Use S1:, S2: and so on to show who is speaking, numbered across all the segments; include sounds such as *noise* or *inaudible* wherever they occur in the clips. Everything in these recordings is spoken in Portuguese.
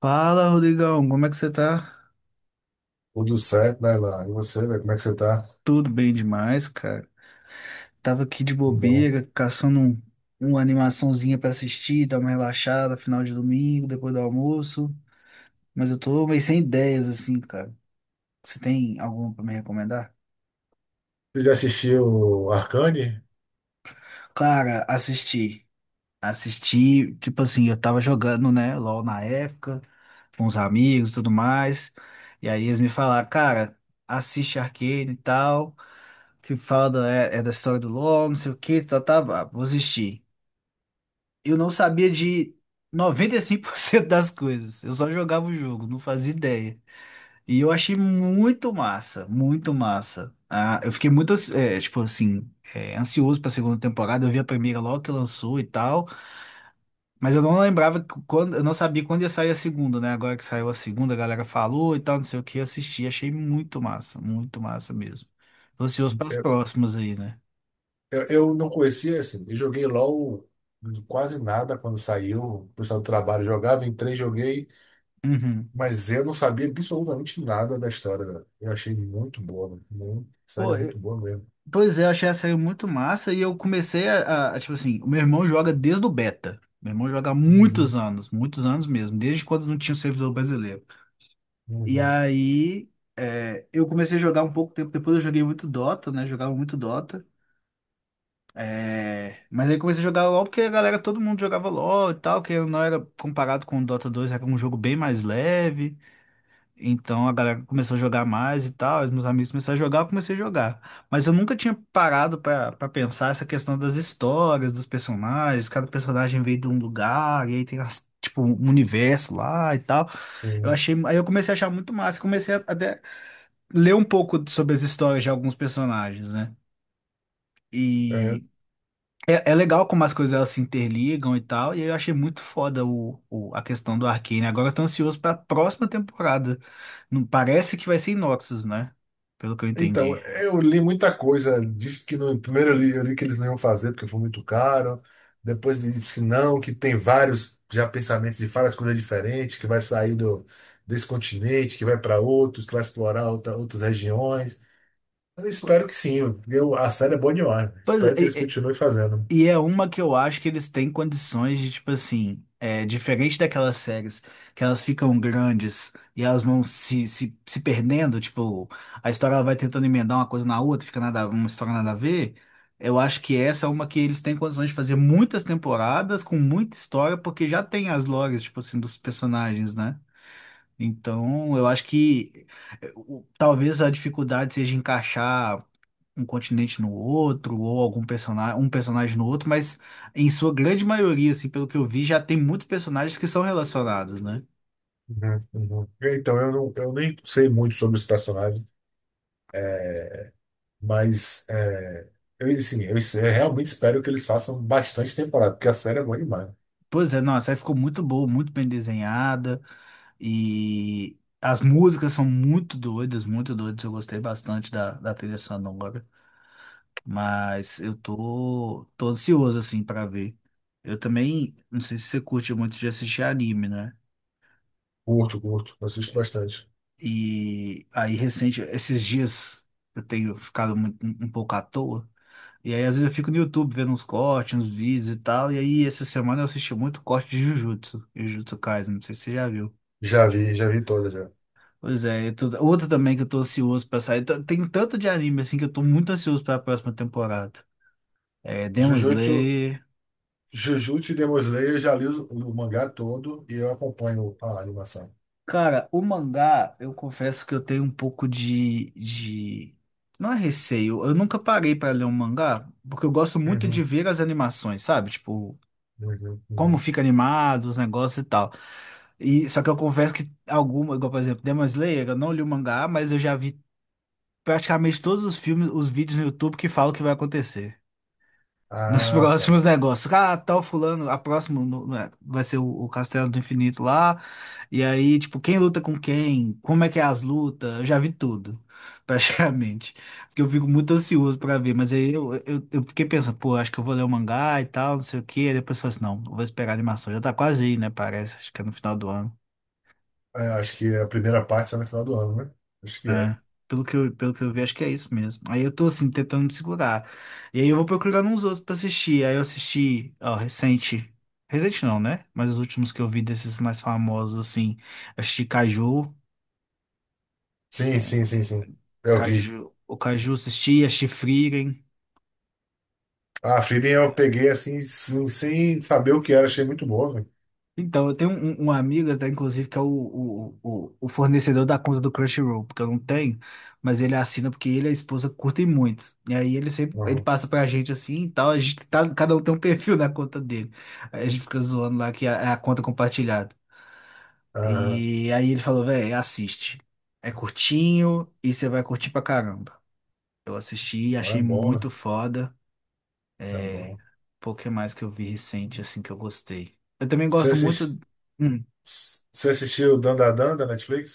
S1: Fala, Rodrigão, como é que você tá?
S2: Tudo certo, né, Lá? E você, velho, como é que você tá?
S1: Tudo bem demais, cara. Tava aqui de
S2: Que bom.
S1: bobeira, uma animaçãozinha pra assistir, dar uma relaxada, final de domingo, depois do almoço. Mas eu tô meio sem ideias, assim, cara. Você tem alguma pra me recomendar?
S2: Você já assistiu Arcane?
S1: Cara, assisti. Assisti, tipo assim, eu tava jogando, né, LOL na época, com os amigos e tudo mais. E aí eles me falaram, cara, assiste Arcane e tal. Que fala da, é da história do LoL, não sei o que, tá, tá, vá, vou assistir. Eu não sabia de 95% das coisas. Eu só jogava o jogo, não fazia ideia. E eu achei muito massa, muito massa. Ah, eu fiquei muito, tipo assim, ansioso pra segunda temporada. Eu vi a primeira logo que lançou e tal, mas eu não lembrava que quando, eu não sabia quando ia sair a segunda, né? Agora que saiu a segunda, a galera falou e tal, não sei o que, eu assisti, achei muito massa mesmo. Tô ansioso para as
S2: Eu,
S1: próximas aí, né?
S2: eu não conhecia, assim. Eu joguei LOL quase nada quando saiu. O pessoal do trabalho jogava, entrei, joguei.
S1: Uhum.
S2: Mas eu não sabia absolutamente nada da história, velho. Eu achei muito boa, velho. Muito,
S1: Pô,
S2: sério,
S1: eu-
S2: muito boa mesmo.
S1: pois é, eu achei a série muito massa e eu comecei a, tipo assim, o meu irmão joga desde o beta. Meu irmão joga há
S2: Uhum,
S1: muitos anos mesmo, desde quando não tinha o servidor brasileiro. E
S2: uhum,
S1: aí, eu comecei a jogar um pouco tempo depois, eu joguei muito Dota, né? Jogava muito Dota. É, mas aí comecei a jogar LoL porque a galera, todo mundo jogava LoL e tal, que não era comparado com o Dota dois, era um jogo bem mais leve. Então a galera começou a jogar mais e tal, os meus amigos começaram a jogar, eu comecei a jogar. Mas eu nunca tinha parado pra pensar essa questão das histórias, dos personagens, cada personagem veio de um lugar, e aí tem tipo um universo lá e tal. Eu
S2: sim.
S1: achei, aí eu comecei a achar muito massa, comecei a até ler um pouco sobre as histórias de alguns personagens, né? E é legal como as coisas elas se interligam e tal, e eu achei muito foda a questão do Arcane. Agora eu tô ansioso pra próxima temporada. Não parece que vai ser Noxus, né? Pelo que eu
S2: Então,
S1: entendi.
S2: eu li muita coisa. Disse que no primeiro eu li que eles não iam fazer porque foi muito caro. Depois disse que não, que tem vários já pensamentos de várias coisas diferentes, que vai sair desse continente, que vai para outros, que vai explorar outras regiões. Eu espero que sim. Eu, a série é boa demais.
S1: Pois é,
S2: Espero que eles continuem fazendo.
S1: e é uma que eu acho que eles têm condições de, tipo assim, é, diferente daquelas séries que elas ficam grandes e elas vão se perdendo, tipo, a história ela vai tentando emendar uma coisa na outra, fica nada, uma história nada a ver. Eu acho que essa é uma que eles têm condições de fazer muitas temporadas com muita história, porque já tem as lores, tipo assim, dos personagens, né? Então, eu acho que talvez a dificuldade seja encaixar um continente no outro, ou algum personagem, um personagem no outro, mas em sua grande maioria, assim, pelo que eu vi, já tem muitos personagens que são relacionados, né?
S2: Uhum, uhum. Então, eu, não, eu nem sei muito sobre os personagens, é, mas é, eu, assim, eu realmente espero que eles façam bastante temporada, porque a série é boa demais.
S1: Pois é, nossa, aí ficou muito boa, muito bem desenhada, e as músicas são muito doidas, muito doidas. Eu gostei bastante da trilha sonora, mas eu tô, tô ansioso, assim, pra ver. Eu também, não sei se você curte muito de assistir anime, né?
S2: Curto, curto. Assisto bastante.
S1: E aí, recente, esses dias eu tenho ficado muito, um pouco à toa. E aí, às vezes, eu fico no YouTube vendo uns cortes, uns vídeos e tal. E aí, essa semana eu assisti muito corte de Jujutsu, Jujutsu Kaisen, não sei se você já viu.
S2: Já vi toda já.
S1: Pois é, eu tô, outra também que eu tô ansioso pra sair. Tem tanto de anime assim que eu tô muito ansioso pra próxima temporada. É Demon
S2: Jujutsu,
S1: Slayer.
S2: Jujutsu e Demon Slayer, eu já li o mangá todo e eu acompanho a animação.
S1: Cara, o mangá, eu confesso que eu tenho um pouco de... Não é receio, eu nunca parei pra ler um mangá, porque eu gosto muito de
S2: Uhum,
S1: ver as animações, sabe? Tipo,
S2: uhum,
S1: como
S2: uhum.
S1: fica animado, os negócios e tal. E, só que eu confesso que alguma, igual, por exemplo, Demon Slayer, eu não li o mangá, mas eu já vi praticamente todos os filmes, os vídeos no YouTube que falam o que vai acontecer. Nos *laughs*
S2: Ah,
S1: próximos
S2: tá.
S1: negócios. Ah, tal fulano, a próxima vai ser o Castelo do Infinito lá. E aí, tipo, quem luta com quem? Como é que é as lutas? Eu já vi tudo, *laughs* praticamente. Porque eu fico muito ansioso pra ver. Mas aí eu fiquei pensando, pô, acho que eu vou ler o mangá e tal, não sei o quê. Aí depois eu falei assim, não, eu vou esperar a animação. Já tá quase aí, né? Parece, acho que é no final do ano.
S2: É, acho que a primeira parte sai no final do ano, né? Acho que
S1: É,
S2: é.
S1: pelo que eu vi, acho que é isso mesmo. Aí eu tô assim, tentando me segurar. E aí eu vou procurando uns outros pra assistir. Aí eu assisti, ó, recente. Recente não, né? Mas os últimos que eu vi desses mais famosos, assim. Assisti Caju,
S2: Sim, sim, sim, sim. Eu vi.
S1: Caju, o Caju assisti, assisti Frieren.
S2: Ah, Frieren eu peguei assim, sem saber o que era. Achei muito bom, velho.
S1: Então, eu tenho um amigo, até inclusive, que é o fornecedor da conta do Crunchyroll, porque eu não tenho, mas ele assina porque ele e a esposa curtem muito. E aí ele sempre ele
S2: Uhum.
S1: passa pra gente assim e tal, a gente tá, cada um tem um *laughs* perfil na conta dele. Aí a gente fica zoando lá que é a conta compartilhada.
S2: Ah,
S1: E aí ele falou, velho, assiste. É curtinho e você vai curtir pra caramba. Eu assisti, e
S2: é
S1: achei
S2: bom, velho.
S1: muito foda.
S2: É
S1: É,
S2: bom.
S1: pouco mais que eu vi recente, assim, que eu gostei. Eu também
S2: Você
S1: gosto
S2: assis-
S1: muito. Hum.
S2: Você assistiu Dandadan da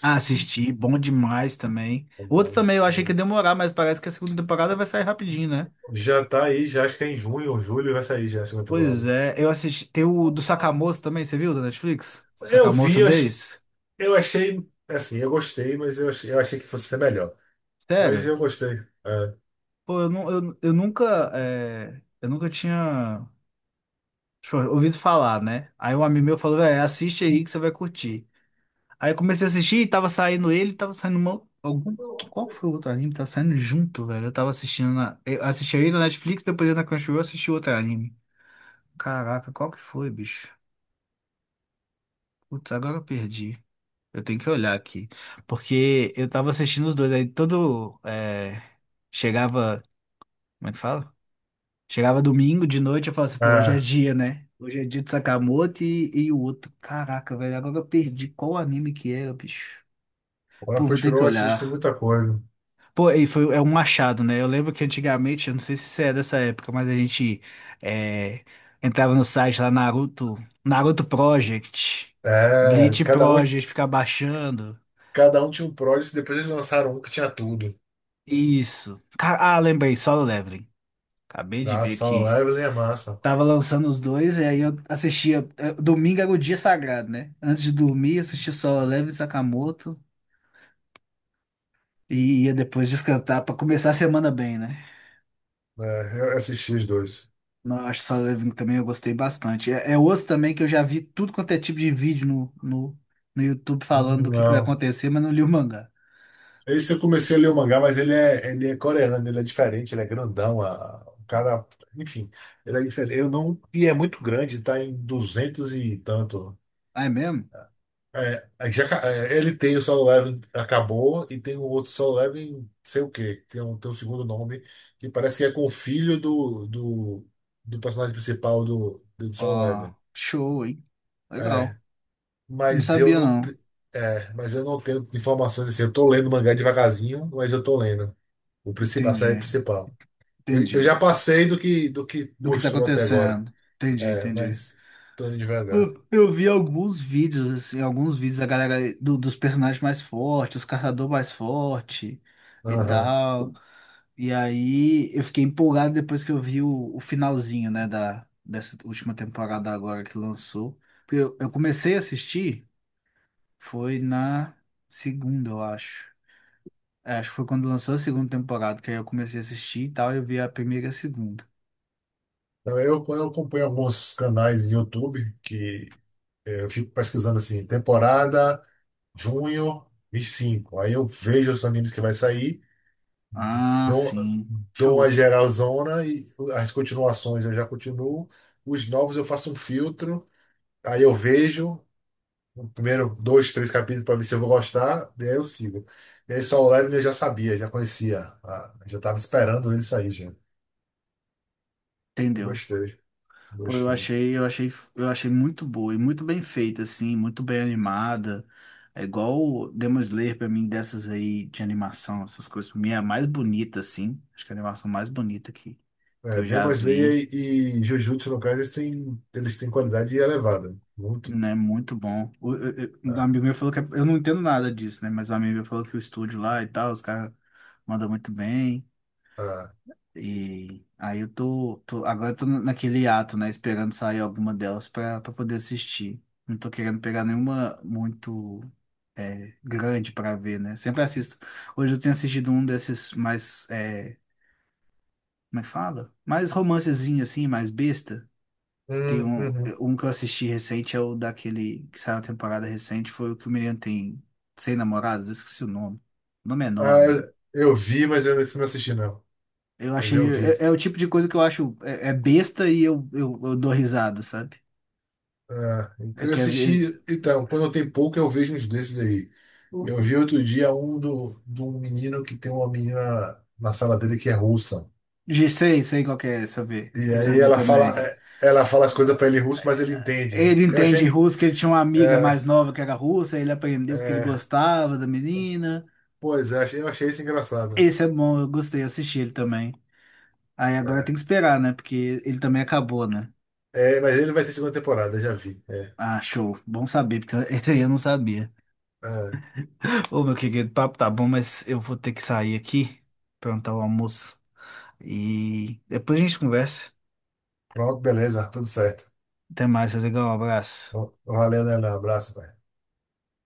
S1: Ah, assisti, bom demais também.
S2: É
S1: Outro
S2: bom.
S1: também eu achei que ia demorar, mas parece que a segunda temporada vai sair rapidinho, né?
S2: Já tá aí, já acho que é em junho ou julho vai sair já a segunda
S1: Pois
S2: temporada.
S1: é, eu assisti. Tem o do Sakamoto também, você viu da Netflix?
S2: Eu
S1: Sakamoto
S2: vi, eu ach-
S1: Days?
S2: eu achei, assim, eu gostei, mas eu achei que fosse ser melhor. Mas
S1: Sério?
S2: eu gostei. É.
S1: Pô, eu, nu- eu nunca. É, Eu nunca tinha tipo, ouvido falar, né? Aí um amigo meu falou, velho, assiste aí que você vai curtir. Aí eu comecei a assistir e tava saindo ele, tava saindo uma, algum. Qual foi o outro anime? Tava saindo junto, velho. Eu tava assistindo na. Eu assisti aí na Netflix, depois na Crunchyroll eu assisti outro anime. Caraca, qual que foi, bicho? Putz, agora eu perdi. Eu tenho que olhar aqui. Porque eu tava assistindo os dois. Aí todo. É, chegava. Como é que fala? Chegava domingo de noite, eu falava assim, pô, hoje é
S2: Ah,
S1: dia, né? Hoje é dia de Sakamoto e o outro. Caraca, velho, agora eu perdi qual anime que era, bicho.
S2: agora
S1: Pô, vou ter que
S2: continuou, eu assisto
S1: olhar.
S2: muita coisa.
S1: Pô, e foi, é um machado, né? Eu lembro que antigamente, eu não sei se você é dessa época, mas a gente é, entrava no site lá, Naruto, Naruto Project,
S2: É,
S1: Bleach Project, ficar baixando.
S2: cada um tinha um Prodigy, depois eles lançaram um que tinha tudo.
S1: Isso. Ah, lembrei, Solo Leveling. Acabei de
S2: Ah,
S1: ver
S2: Solo
S1: que
S2: Leveling é massa.
S1: tava lançando os dois, e aí eu assistia. Domingo era o dia sagrado, né? Antes de dormir, assistia Solo Leveling, Sakamoto, e ia depois descantar pra começar a semana bem, né?
S2: É, eu assisti os dois.
S1: Nossa, Living também eu gostei bastante. É, é outro também que eu já vi tudo quanto é tipo de vídeo no YouTube falando do que vai
S2: Não.
S1: acontecer, mas não li o mangá.
S2: Esse eu comecei a ler o mangá, mas ele é coreano, ele é diferente, ele é grandão, a, o cara, enfim, ele é diferente. Eu não, e é muito grande, tá em 200 e tanto.
S1: Ah, é mesmo?
S2: É, aí já, ca- é, ele tem o Solo Leveling, acabou, e tem o outro Solo Leveling, sei o quê, tem um segundo nome, que parece que é com o filho do personagem principal do Solo
S1: Ó,
S2: Leveling.
S1: show, hein?
S2: É,
S1: Legal. Não
S2: mas eu
S1: sabia,
S2: não,
S1: não.
S2: te- é, mas eu não tenho informações assim, eu tô lendo o mangá devagarzinho, mas eu tô lendo. O principal, a
S1: Entendi,
S2: série principal. Eu já
S1: entendi.
S2: passei do que
S1: Do que tá
S2: mostrou até agora.
S1: acontecendo. Entendi,
S2: É,
S1: entendi.
S2: mas tô indo devagar.
S1: Eu vi alguns vídeos, assim, alguns vídeos da galera dos personagens mais fortes, os caçadores mais fortes e
S2: Aham.
S1: tal. E aí eu fiquei empolgado depois que eu vi o finalzinho, né, dessa última temporada agora que lançou. Porque eu comecei a assistir, foi na segunda, eu acho. É, acho que foi quando lançou a segunda temporada, que aí eu comecei a assistir e tal, eu vi a primeira e a segunda.
S2: Então, eu acompanho alguns canais de YouTube que é, eu fico pesquisando assim, temporada junho 25. Aí eu vejo os animes que vai sair,
S1: Ah,
S2: dou,
S1: sim.
S2: dou uma
S1: Show.
S2: geralzona e as continuações eu já continuo. Os novos eu faço um filtro, aí eu vejo, o primeiro dois, três capítulos para ver se eu vou gostar, e aí eu sigo. E aí só o Levin eu já sabia, já conhecia. Ah, já estava esperando ele sair, já. Eu
S1: Entendeu?
S2: gostei,
S1: Pô, eu
S2: gostei.
S1: achei, eu achei, eu achei muito boa e muito bem feita, assim, muito bem animada. É igual o Demon Slayer pra mim, dessas aí de animação, essas coisas, pra mim é a mais bonita, assim. Acho que é a animação mais bonita que
S2: É,
S1: eu já
S2: Demon
S1: vi,
S2: Slayer e Jujutsu, no caso, eles têm qualidade elevada. Muito.
S1: né? Muito bom. Um
S2: Ah,
S1: amigo meu falou eu não entendo nada disso, né? Mas um amigo meu falou que o estúdio lá e tal, os caras mandam muito bem.
S2: ah.
S1: E aí eu tô, agora eu tô naquele ato, né, esperando sair alguma delas pra poder assistir. Não tô querendo pegar nenhuma muito grande pra ver, né? Sempre assisto. Hoje eu tenho assistido um desses mais, como é que fala? Mais romancezinho assim, mais besta. Tem um,
S2: Uhum.
S1: um que eu assisti recente, é o daquele que saiu a temporada recente, foi o que o menino tem 100 namoradas, eu esqueci o nome. O nome é
S2: Ah,
S1: enorme.
S2: eu vi, mas eu não assisti, não.
S1: Eu
S2: Mas
S1: achei.
S2: eu
S1: É,
S2: vi.
S1: é o tipo de coisa que eu acho. É, é besta e eu dou risada, sabe?
S2: É,
S1: Eu
S2: eu
S1: quero ver.
S2: assisti, então, quando tem pouco eu vejo uns desses aí. Eu vi outro dia um de um menino que tem uma menina na sala dele que é russa.
S1: Sei, sei qual que é, esse eu vi.
S2: E
S1: Esse eu
S2: aí
S1: vi
S2: ela fala,
S1: também.
S2: é, ela fala as coisas pra ele em russo, mas ele entende.
S1: Ele
S2: Eu
S1: entende
S2: achei,
S1: russo, que ele tinha uma amiga
S2: é,
S1: mais nova que era russa, aí ele aprendeu que ele
S2: é,
S1: gostava da menina.
S2: pois é, eu achei isso engraçado.
S1: Esse é bom, eu gostei, eu assisti ele também. Aí agora
S2: É,
S1: tem que esperar, né? Porque ele também acabou, né?
S2: é, mas ele vai ter segunda temporada, já vi. É,
S1: Ah, show. Bom saber, porque *laughs* esse aí eu não sabia.
S2: é,
S1: Ô, meu querido, o papo tá bom, mas eu vou ter que sair aqui, perguntar o almoço. E depois a gente conversa.
S2: pronto, beleza, tudo certo.
S1: Até mais, Rodrigão. Um abraço.
S2: Valeu, né? Um abraço, pai.